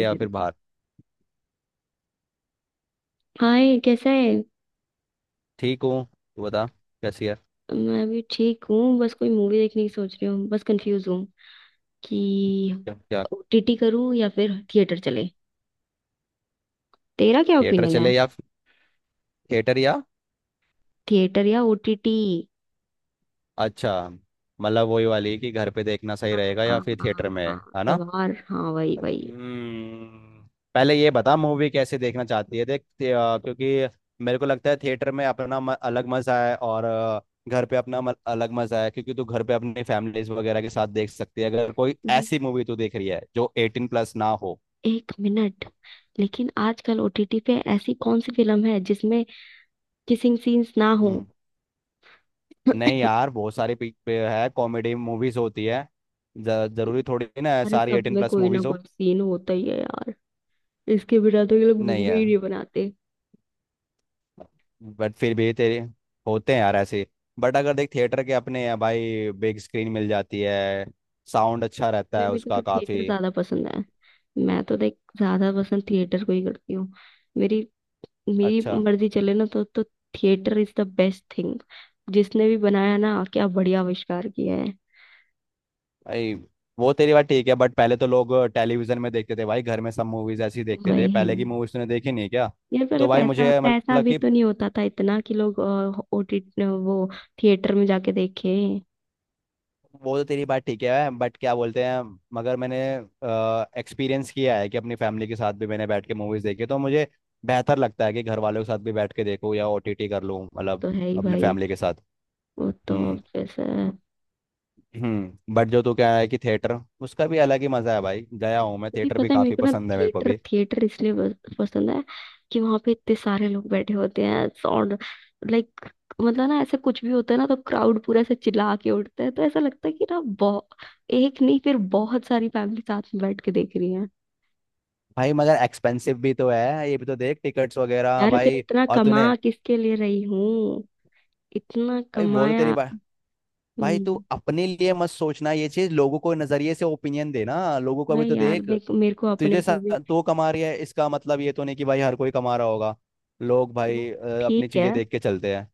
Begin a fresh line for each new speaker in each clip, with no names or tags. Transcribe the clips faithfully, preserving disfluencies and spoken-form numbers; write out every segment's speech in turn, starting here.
या फिर बाहर।
हाय, कैसा है।
ठीक हूँ। तू बता, कैसी है?
मैं भी ठीक हूँ। बस कोई मूवी देखने की सोच रही हूँ, बस कंफ्यूज हूँ कि
क्या क्या?
ओ टी टी करूँ या फिर थिएटर चले। तेरा क्या
थिएटर
ओपिनियन है?
चले या थिएटर या...
थिएटर या ओ टी टी?
अच्छा। मतलब वही वाली कि घर पे देखना सही
हाँ,
रहेगा
हाँ,
या फिर थिएटर
हाँ,
में। है ना?
हाँ गवार हाँ, वही वही।
हम्म। पहले ये बता मूवी कैसे देखना चाहती है, देख ते- आ, क्योंकि मेरे को लगता है थिएटर में अपना, म, अलग मजा है और आ, घर पे अपना, म, अलग मजा है। क्योंकि तू घर पे अपनी फैमिलीज वगैरह के साथ देख सकती है, अगर कोई
हम्म।
ऐसी मूवी तू देख रही है जो एटीन प्लस ना हो।
एक मिनट। लेकिन आजकल ओ टी टी पे ऐसी कौन सी फिल्म है जिसमें किसिंग सीन्स ना हो?
नहीं यार, बहुत सारी पिक पे है, कॉमेडी मूवीज होती है। ज- जरूरी थोड़ी ना है
अरे,
सारी
सब
एटीन
में
प्लस
कोई ना
मूवीज
कोई
हो।
सीन होता ही है यार। इसके बिना तो ये लोग
नहीं
मूवी
है।
ही नहीं बनाते।
बट फिर भी तेरे होते हैं यार ऐसे। बट अगर देख, थिएटर के अपने हैं भाई, बिग स्क्रीन मिल जाती है, साउंड अच्छा रहता
भाई,
है
मेरे को
उसका
तो थिएटर
काफी।
ज्यादा पसंद है। मैं तो देख ज्यादा पसंद थिएटर को ही करती हूँ। मेरी मेरी
अच्छा।
मर्जी चले ना तो तो theatre is the best thing. जिसने भी बनाया ना, क्या बढ़िया आविष्कार किया है।
भाई वो तेरी बात ठीक है, बट पहले तो लोग टेलीविजन में देखते थे भाई, घर में सब मूवीज ऐसी देखते थे,
वही,
पहले की मूवीज तूने देखी नहीं है क्या?
यार पहले
तो भाई
पैसा
मुझे
पैसा
मतलब
भी
कि...
तो नहीं होता था इतना कि लोग ओटी वो थिएटर में जाके देखे।
वो तो तेरी बात ठीक है, बट क्या बोलते हैं, मगर मैंने एक्सपीरियंस किया है कि अपनी फैमिली के साथ भी मैंने बैठ के मूवीज देखी, तो मुझे बेहतर लगता है कि घर वालों के साथ भी बैठ के देखूँ या ओटीटी कर लूँ,
वो
मतलब
तो है ही
अपने
भाई।
फैमिली के साथ।
वो तो
हम्म।
पैसा।
हम्म, बट जो तू कह रहा है कि थिएटर, उसका भी अलग ही मजा है भाई, गया हूँ मैं,
नहीं,
थिएटर भी
पता है मेरे
काफी
को ना
पसंद है मेरे को
थिएटर
भी।
थिएटर इसलिए बस- पसंद है कि वहां पे इतने सारे लोग बैठे होते हैं, साउंड, लाइक, मतलब ना ऐसा कुछ भी होता है ना तो क्राउड पूरा ऐसे चिल्ला के उठता है, तो ऐसा लगता है कि ना बहुत एक नहीं, फिर बहुत सारी फैमिली साथ में बैठ के देख रही है।
भाई मगर एक्सपेंसिव भी तो है ये, भी तो देख टिकट्स वगैरह
यार, फिर
भाई,
इतना
और
कमा
तूने...
किसके लिए रही हूँ? इतना
भाई वो तो तेरी
कमाया।
बात... भाई तू
हम्म,
अपने लिए मत सोचना ये चीज, लोगों को नजरिए से ओपिनियन देना, लोगों को भी
भाई
तो
यार
देख।
देख, मेरे को अपने
तुझे सा
ऊपर भी।
तू कमा रही है, इसका मतलब ये तो नहीं कि भाई हर कोई कमा रहा होगा। लोग
वो
भाई अ, अपनी
ठीक है,
चीजें देख के चलते हैं।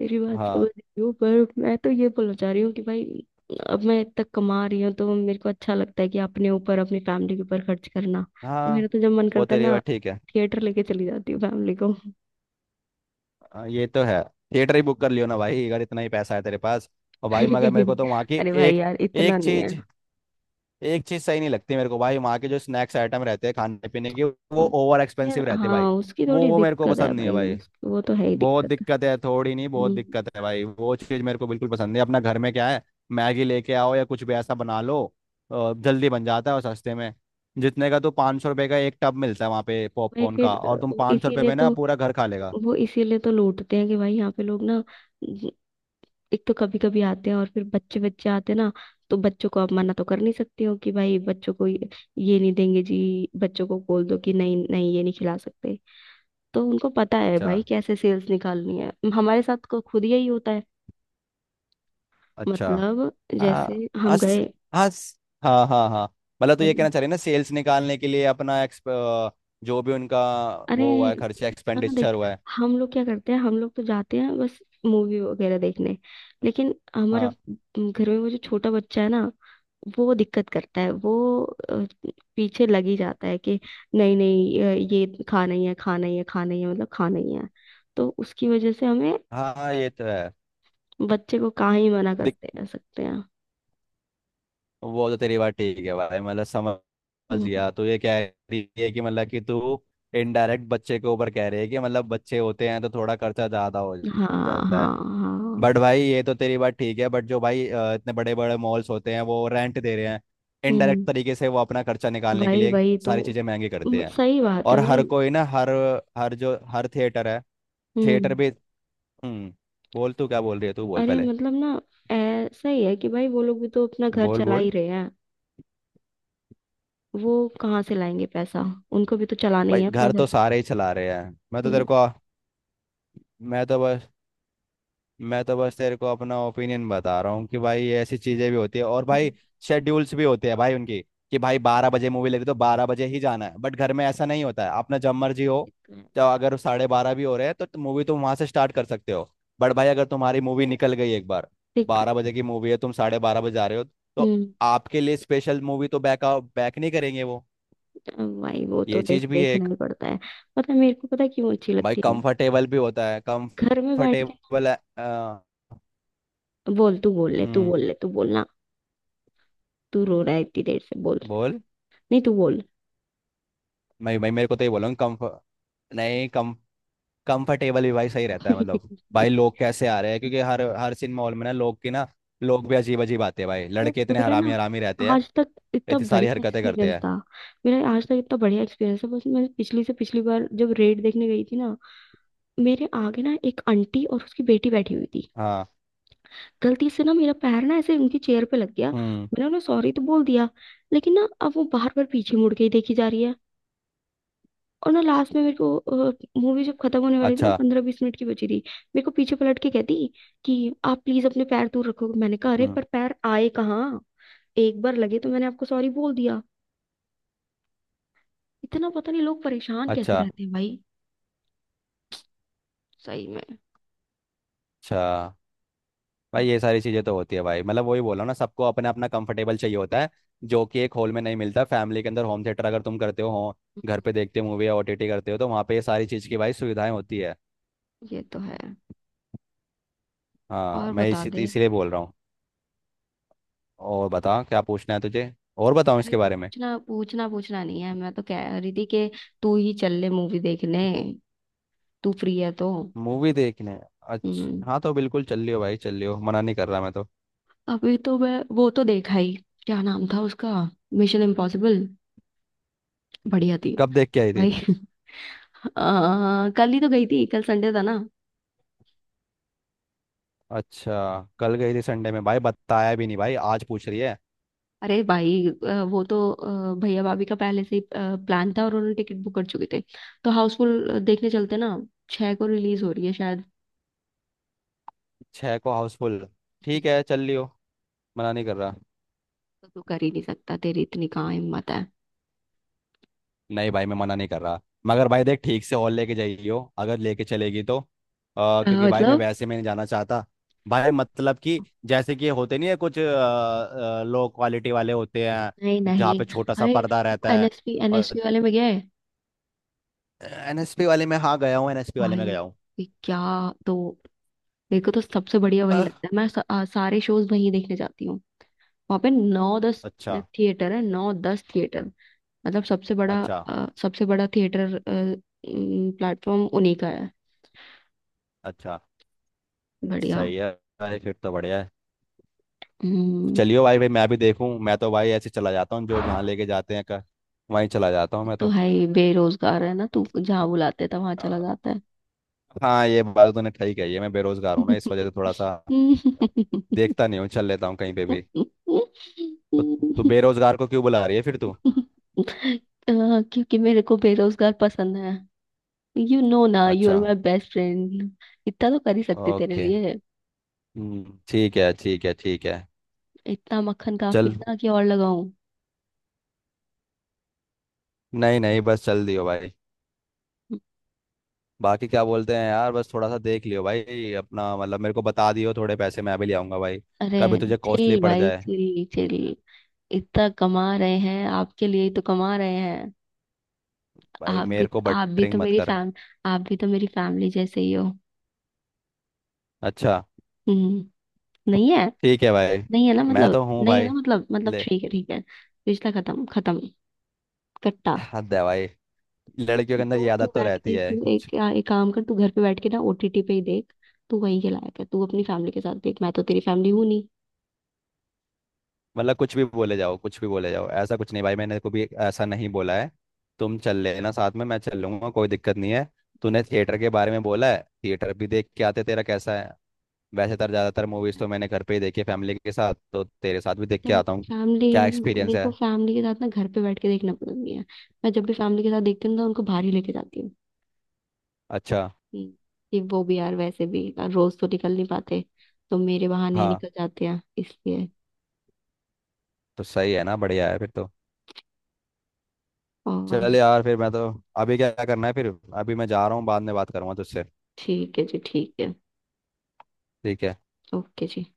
तेरी बात समझ
हाँ।
रही हूँ, पर मैं तो ये बोलना चाह रही हूँ कि भाई अब मैं इतना कमा रही हूँ तो मेरे को अच्छा लगता है कि अपने ऊपर अपनी फैमिली के ऊपर खर्च करना। तो मेरा
हाँ,
तो जब मन
वो
करता है
तेरी
ना,
बात ठीक है।
थिएटर लेके चली जाती हूँ फैमिली को।
अ, ये तो है। थिएटर ही बुक कर लियो ना भाई, अगर इतना ही पैसा है तेरे पास। और भाई मगर मेरे को तो वहाँ की
अरे भाई
एक
यार, इतना
एक
नहीं है।
चीज एक चीज सही नहीं लगती मेरे को भाई, वहाँ के जो स्नैक्स आइटम रहते हैं खाने पीने के, वो ओवर
यार,
एक्सपेंसिव रहते हैं भाई।
हाँ, उसकी
वो
थोड़ी
वो मेरे को
दिक्कत
पसंद
है
नहीं है
भाई
भाई।
उसकी- वो तो है ही
बहुत
दिक्कत।
दिक्कत है, थोड़ी नहीं बहुत
हम्म,
दिक्कत है भाई, वो चीज़ मेरे को बिल्कुल पसंद है, अपना घर में क्या है, मैगी लेके आओ या कुछ भी ऐसा बना लो। अ, जल्दी बन जाता है और सस्ते में। जितने का तो पाँच सौ रुपये का एक टब मिलता है वहाँ पे
भाई
पॉपकॉर्न
फिर
का, और तुम
अ,
पाँच सौ रुपये
इसीलिए
में ना
तो
पूरा घर खा लेगा।
वो इसीलिए तो लूटते हैं कि भाई यहाँ पे लोग ना एक तो कभी कभी आते हैं, और फिर बच्चे बच्चे आते हैं ना। तो बच्चों को आप मना तो कर नहीं सकती हो कि भाई बच्चों को ये ये नहीं देंगे जी। बच्चों को बोल दो कि नहीं, नहीं ये नहीं खिला सकते। तो उनको पता है
अच्छा।
भाई कैसे सेल्स निकालनी है, हमारे साथ को खुद यही होता है।
अच्छा,
मतलब, जैसे
हाँ।
हम
अस
गए,
अस हाँ हाँ हाँ। मतलब तो ये कहना
मतलब,
चाह रहे हैं ना, सेल्स निकालने के लिए अपना एक्सप अ, जो भी उनका,
अरे,
वो हुआ है खर्चा,
है ना
एक्सपेंडिचर
देख।
हुआ है।
हम लोग क्या करते हैं, हम लोग तो जाते हैं बस मूवी वगैरह देखने। लेकिन हमारे
हाँ
घर में वो जो छोटा बच्चा है ना, वो दिक्कत करता है। वो अ, पीछे लग ही जाता है कि नहीं नहीं अ, ये खाना ही है, खाना ही है, खाना ही है, मतलब खाना ही है। तो उसकी वजह से हमें
हाँ हाँ, ये तो है।
बच्चे को कहाँ ही मना करते रह सकते हैं।
वो तो तेरी बात ठीक है भाई, मतलब समझ
हम्म,
गया, तो ये कह रही है ये कि, मतलब कि तू इनडायरेक्ट बच्चे के ऊपर कह रही है कि, मतलब बच्चे होते हैं तो थोड़ा खर्चा ज्यादा हो
हाँ,
जाता है।
हाँ, हाँ।
बट भाई ये तो तेरी बात ठीक है, बट जो भाई अ, इतने बड़े बड़े मॉल्स होते हैं, वो रेंट दे रहे हैं, इनडायरेक्ट
हम्म
तरीके से वो अपना खर्चा निकालने के
भाई
लिए
भाई तो
सारी चीजें महंगी करते
म-
हैं।
सही बात है
और हर
भाई।
कोई ना, हर हर जो हर थिएटर है,
हम्म।
थिएटर भी। हम्म। बोल, तू क्या बोल रही है? तू बोल
अरे,
पहले।
मतलब ना ऐसा ही है कि भाई वो लोग भी तो अपना घर
बोल
चला
बोल।
ही रहे हैं। वो कहाँ से लाएंगे पैसा? उनको भी तो चलाना ही
भाई
है अपना
घर तो
घर।
सारे ही चला रहे हैं। मैं तो
हम्म।
तेरे को मैं तो मैं तो बस तेरे को अपना ओपिनियन बता रहा हूँ कि भाई ऐसी चीजें भी होती है, और
हम्म,
भाई शेड्यूल्स भी होते हैं भाई उनकी, कि भाई बारह बजे मूवी लगी तो बारह बजे ही जाना है, बट घर में ऐसा नहीं होता है, अपना जब मर्जी हो,
ये
तो अगर साढ़े बारह भी हो रहे हैं तो मूवी तुम वहां से स्टार्ट कर सकते हो। बट भाई अगर
तो
तुम्हारी मूवी
है।
निकल गई एक बार, बारह बजे की मूवी है तुम साढ़े बारह बजे जा रहे हो, तो
हम्म
आपके लिए स्पेशल मूवी तो बैक बैक नहीं करेंगे वो।
अब भाई वो तो
ये
देख
चीज भी है
देखना
एक।
ही पड़ता है। पता है मेरे को, पता है क्यों अच्छी
भाई
लगती है
कंफर्टेबल भी होता है,
घर में बैठ के।
कंफर्टेबल है। अ,
बोल, तू बोल ले, तू
हम्म।
बोल ले, तू बोलना। तू रो रहा है इतनी देर से, बोल।
बोल।
नहीं, तू बोल।
मैं भाई, मेरे को तो ये बोल रहा हूँ, कम्फ नहीं कम कंफर्टेबल भी भाई सही रहता है, मतलब भाई लोग कैसे आ रहे हैं, क्योंकि हर हर सिनेमा हॉल में ना, लोग की ना, लोग भी अजीब अजीब आते हैं भाई,
अरे,
लड़के इतने
मेरा ना
हरामी हरामी रहते हैं,
आज तक इतना
इतनी सारी
बढ़िया
हरकतें करते
एक्सपीरियंस
हैं।
था। मेरा आज तक इतना बढ़िया एक्सपीरियंस है। बस मैं पिछली से पिछली बार जब रेड देखने गई थी ना, मेरे आगे ना एक आंटी और उसकी बेटी बैठी हुई थी।
हाँ।
गलती से ना मेरा पैर ना ऐसे उनकी चेयर पे लग गया,
हम्म।
मैंने उन्हें सॉरी तो बोल दिया। लेकिन ना अब वो बार बार पीछे मुड़ के ही देखी जा रही है। और ना लास्ट में, मेरे को मूवी जब खत्म होने वाली थी ना,
अच्छा।
पंद्रह बीस मिनट की बची थी। मेरे को पीछे पलट के कहती कि आप प्लीज अपने पैर दूर रखो, मैंने कहा अरे
हम्म।
पर पैर आए कहाँ? एक बार लगे तो मैंने आपको सॉरी बोल दिया। इतना पता नहीं लोग परेशान कैसे
अच्छा।
रहते हैं भाई। सही में।
अच्छा,
हम्म,
भाई ये सारी चीज़ें तो होती है भाई, मतलब वही बोला ना, सबको अपना अपना कंफर्टेबल चाहिए होता है, जो कि एक हॉल में नहीं मिलता, फैमिली के अंदर, होम थिएटर अगर तुम करते हो, हो- घर पे देखते हो मूवी या ओटीटी करते हो, तो वहाँ पे ये सारी चीज़ की भाई सुविधाएं होती है।
ये तो है।
हाँ,
और
मैं
बता
इसी
दे।
इसीलिए बोल रहा हूँ। और बता क्या पूछना है तुझे, और बताऊँ
अरे,
इसके बारे में।
पूछना पूछना पूछना नहीं है, मैं तो कह रही थी कि तू ही चल ले मूवी देखने, तू फ्री है तो।
मूवी देखने?
हम्म
अच्छा हाँ, तो बिल्कुल चल लियो भाई, चल लियो, मना नहीं कर रहा मैं तो।
अभी तो मैं वो तो देखा ही, क्या नाम था उसका, मिशन इम्पॉसिबल। बढ़िया थी।
कब देख के आई थी?
भाई, अ, कल ही तो गई थी, कल संडे था ना।
अच्छा, कल गई थी संडे में, भाई बताया भी नहीं भाई, आज पूछ रही है।
अरे भाई, अ, वो तो अ, भैया भाभी का पहले से ही प्लान था और उन्होंने टिकट बुक कर चुके थे। तो हाउसफुल देखने चलते ना, छह को रिलीज हो रही है शायद।
छः को हाउसफुल? ठीक है चल लियो, मना नहीं कर रहा।
तो तू कर ही नहीं सकता, तेरी इतनी कहाँ हिम्मत है।
नहीं भाई मैं मना नहीं कर रहा, मगर भाई देख ठीक से और लेके जाइयो, अगर लेके चलेगी तो, अ,
अ,
क्योंकि भाई मैं
मतलब,
वैसे में नहीं जाना चाहता। भाई मतलब कि, जैसे कि होते नहीं है कुछ लो क्वालिटी वाले, होते
नहीं,
हैं जहाँ
नहीं,
पे छोटा सा
अरे
पर्दा रहता है।
एन एस पी
और
एन एस पी वाले में गया है?
एनएसपी वाले में, हाँ गया हूँ, एनएसपी वाले
भाई
में गया हूँ।
ये क्या, तो देखो तो सबसे बढ़िया वही
अह,
लगता है, मैं स, आ, सारे शोज वहीं देखने जाती हूँ। वहां पे नौ दस
अच्छा।
थिएटर है, नौ दस थिएटर, मतलब सबसे बड़ा
अच्छा।
अ, सबसे बड़ा थिएटर, प्लेटफॉर्म उन्हीं का है।
अच्छा,
बढ़िया।
सही है, भाई फिर तो बढ़िया है।
हम्म।
चलियो भाई, भाई मैं भी देखूँ, मैं तो भाई ऐसे चला जाता हूँ, जो जहाँ लेके जाते हैं कर, वहीं चला जाता हूँ मैं।
तो है ही, बेरोजगार है ना तू, जहाँ बुलाते था वहां
तो
चला जाता है।
हाँ ये बात तो तूने ठीक कही है, मैं बेरोजगार हूँ ना, इस वजह से थोड़ा सा देखता नहीं हूँ, चल लेता हूँ कहीं पे भी। तो तू बेरोजगार को क्यों बुला रही है फिर तू?
अ, क्योंकि मेरे को बेरोजगार पसंद है। यू नो ना, यू
अच्छा।
Are my best friend. इतना तो कर ही सकती तेरे
ओके।
लिए।
हम्म, ठीक है ठीक है ठीक है।
इतना मक्खन काफी
चल।
है ना कि और लगाऊं?
नहीं नहीं बस चल दियो भाई, बाकी क्या बोलते हैं यार, बस थोड़ा सा देख लियो भाई अपना, मतलब मेरे को बता दियो थोड़े पैसे मैं भी ले आऊंगा भाई,
अरे,
कभी तुझे कॉस्टली
चिल
पड़
भाई,
जाए।
Chill chill. इतना कमा रहे हैं, आपके लिए ही तो कमा रहे हैं।
भाई
आप भी
मेरे को
आप भी
बटरिंग
तो
मत
मेरी
कर।
फैम आप भी तो मेरी फैमिली जैसे ही हो।
अच्छा।
हम्म। नहीं है।
ठीक है भाई।
नहीं है ना
मैं
मतलब,
तो हूँ
नहीं है ना
भाई।
मतलब मतलब
ले।
ठीक है, ठीक है। रिश्ता खत्म खत्म, कट्टा।
हद है भाई, लड़कियों के अंदर ये
तो तू
आदत तो
बैठ
रहती
के,
है
तू
कुछ-
एक एक काम कर, तू घर पे बैठ के ना ओ टी टी पे ही देख। तू वहीं के लायक है, तू अपनी फैमिली के साथ देख, मैं तो तेरी फैमिली हूं।
मतलब कुछ भी बोले जाओ, कुछ भी बोले जाओ, ऐसा कुछ नहीं भाई, मैंने कभी ऐसा नहीं बोला है। तुम चल लेना साथ में, मैं चल लूंगा, कोई दिक्कत नहीं है। तूने थिएटर के बारे में बोला है, थिएटर भी देख के आते, तेरा कैसा है वैसे। तर ज़्यादातर मूवीज़ तो मैंने घर पे ही देखी है
नहीं,
फैमिली के साथ, तो तेरे साथ भी देख के आता हूँ।
फैमिली
क्या एक्सपीरियंस
मेरे
है।
को फैमिली के साथ ना घर पे बैठ के देखना पसंद नहीं है। मैं जब भी फैमिली के साथ देखती हूँ ना तो उनको बाहर ही लेके जाती हूँ।
अच्छा
हम्म, कि वो भी यार, वैसे भी रोज तो निकल नहीं पाते। तो मेरे बहाने ही
हाँ,
निकल जाते हैं इसलिए।
तो सही है ना, बढ़िया है फिर तो।
और
चल यार फिर, मैं तो... अभी क्या करना है फिर? अभी मैं जा रहा हूँ, बाद में बात करूँगा तुझसे।
ठीक है जी, ठीक है,
ठीक है।
ओके जी।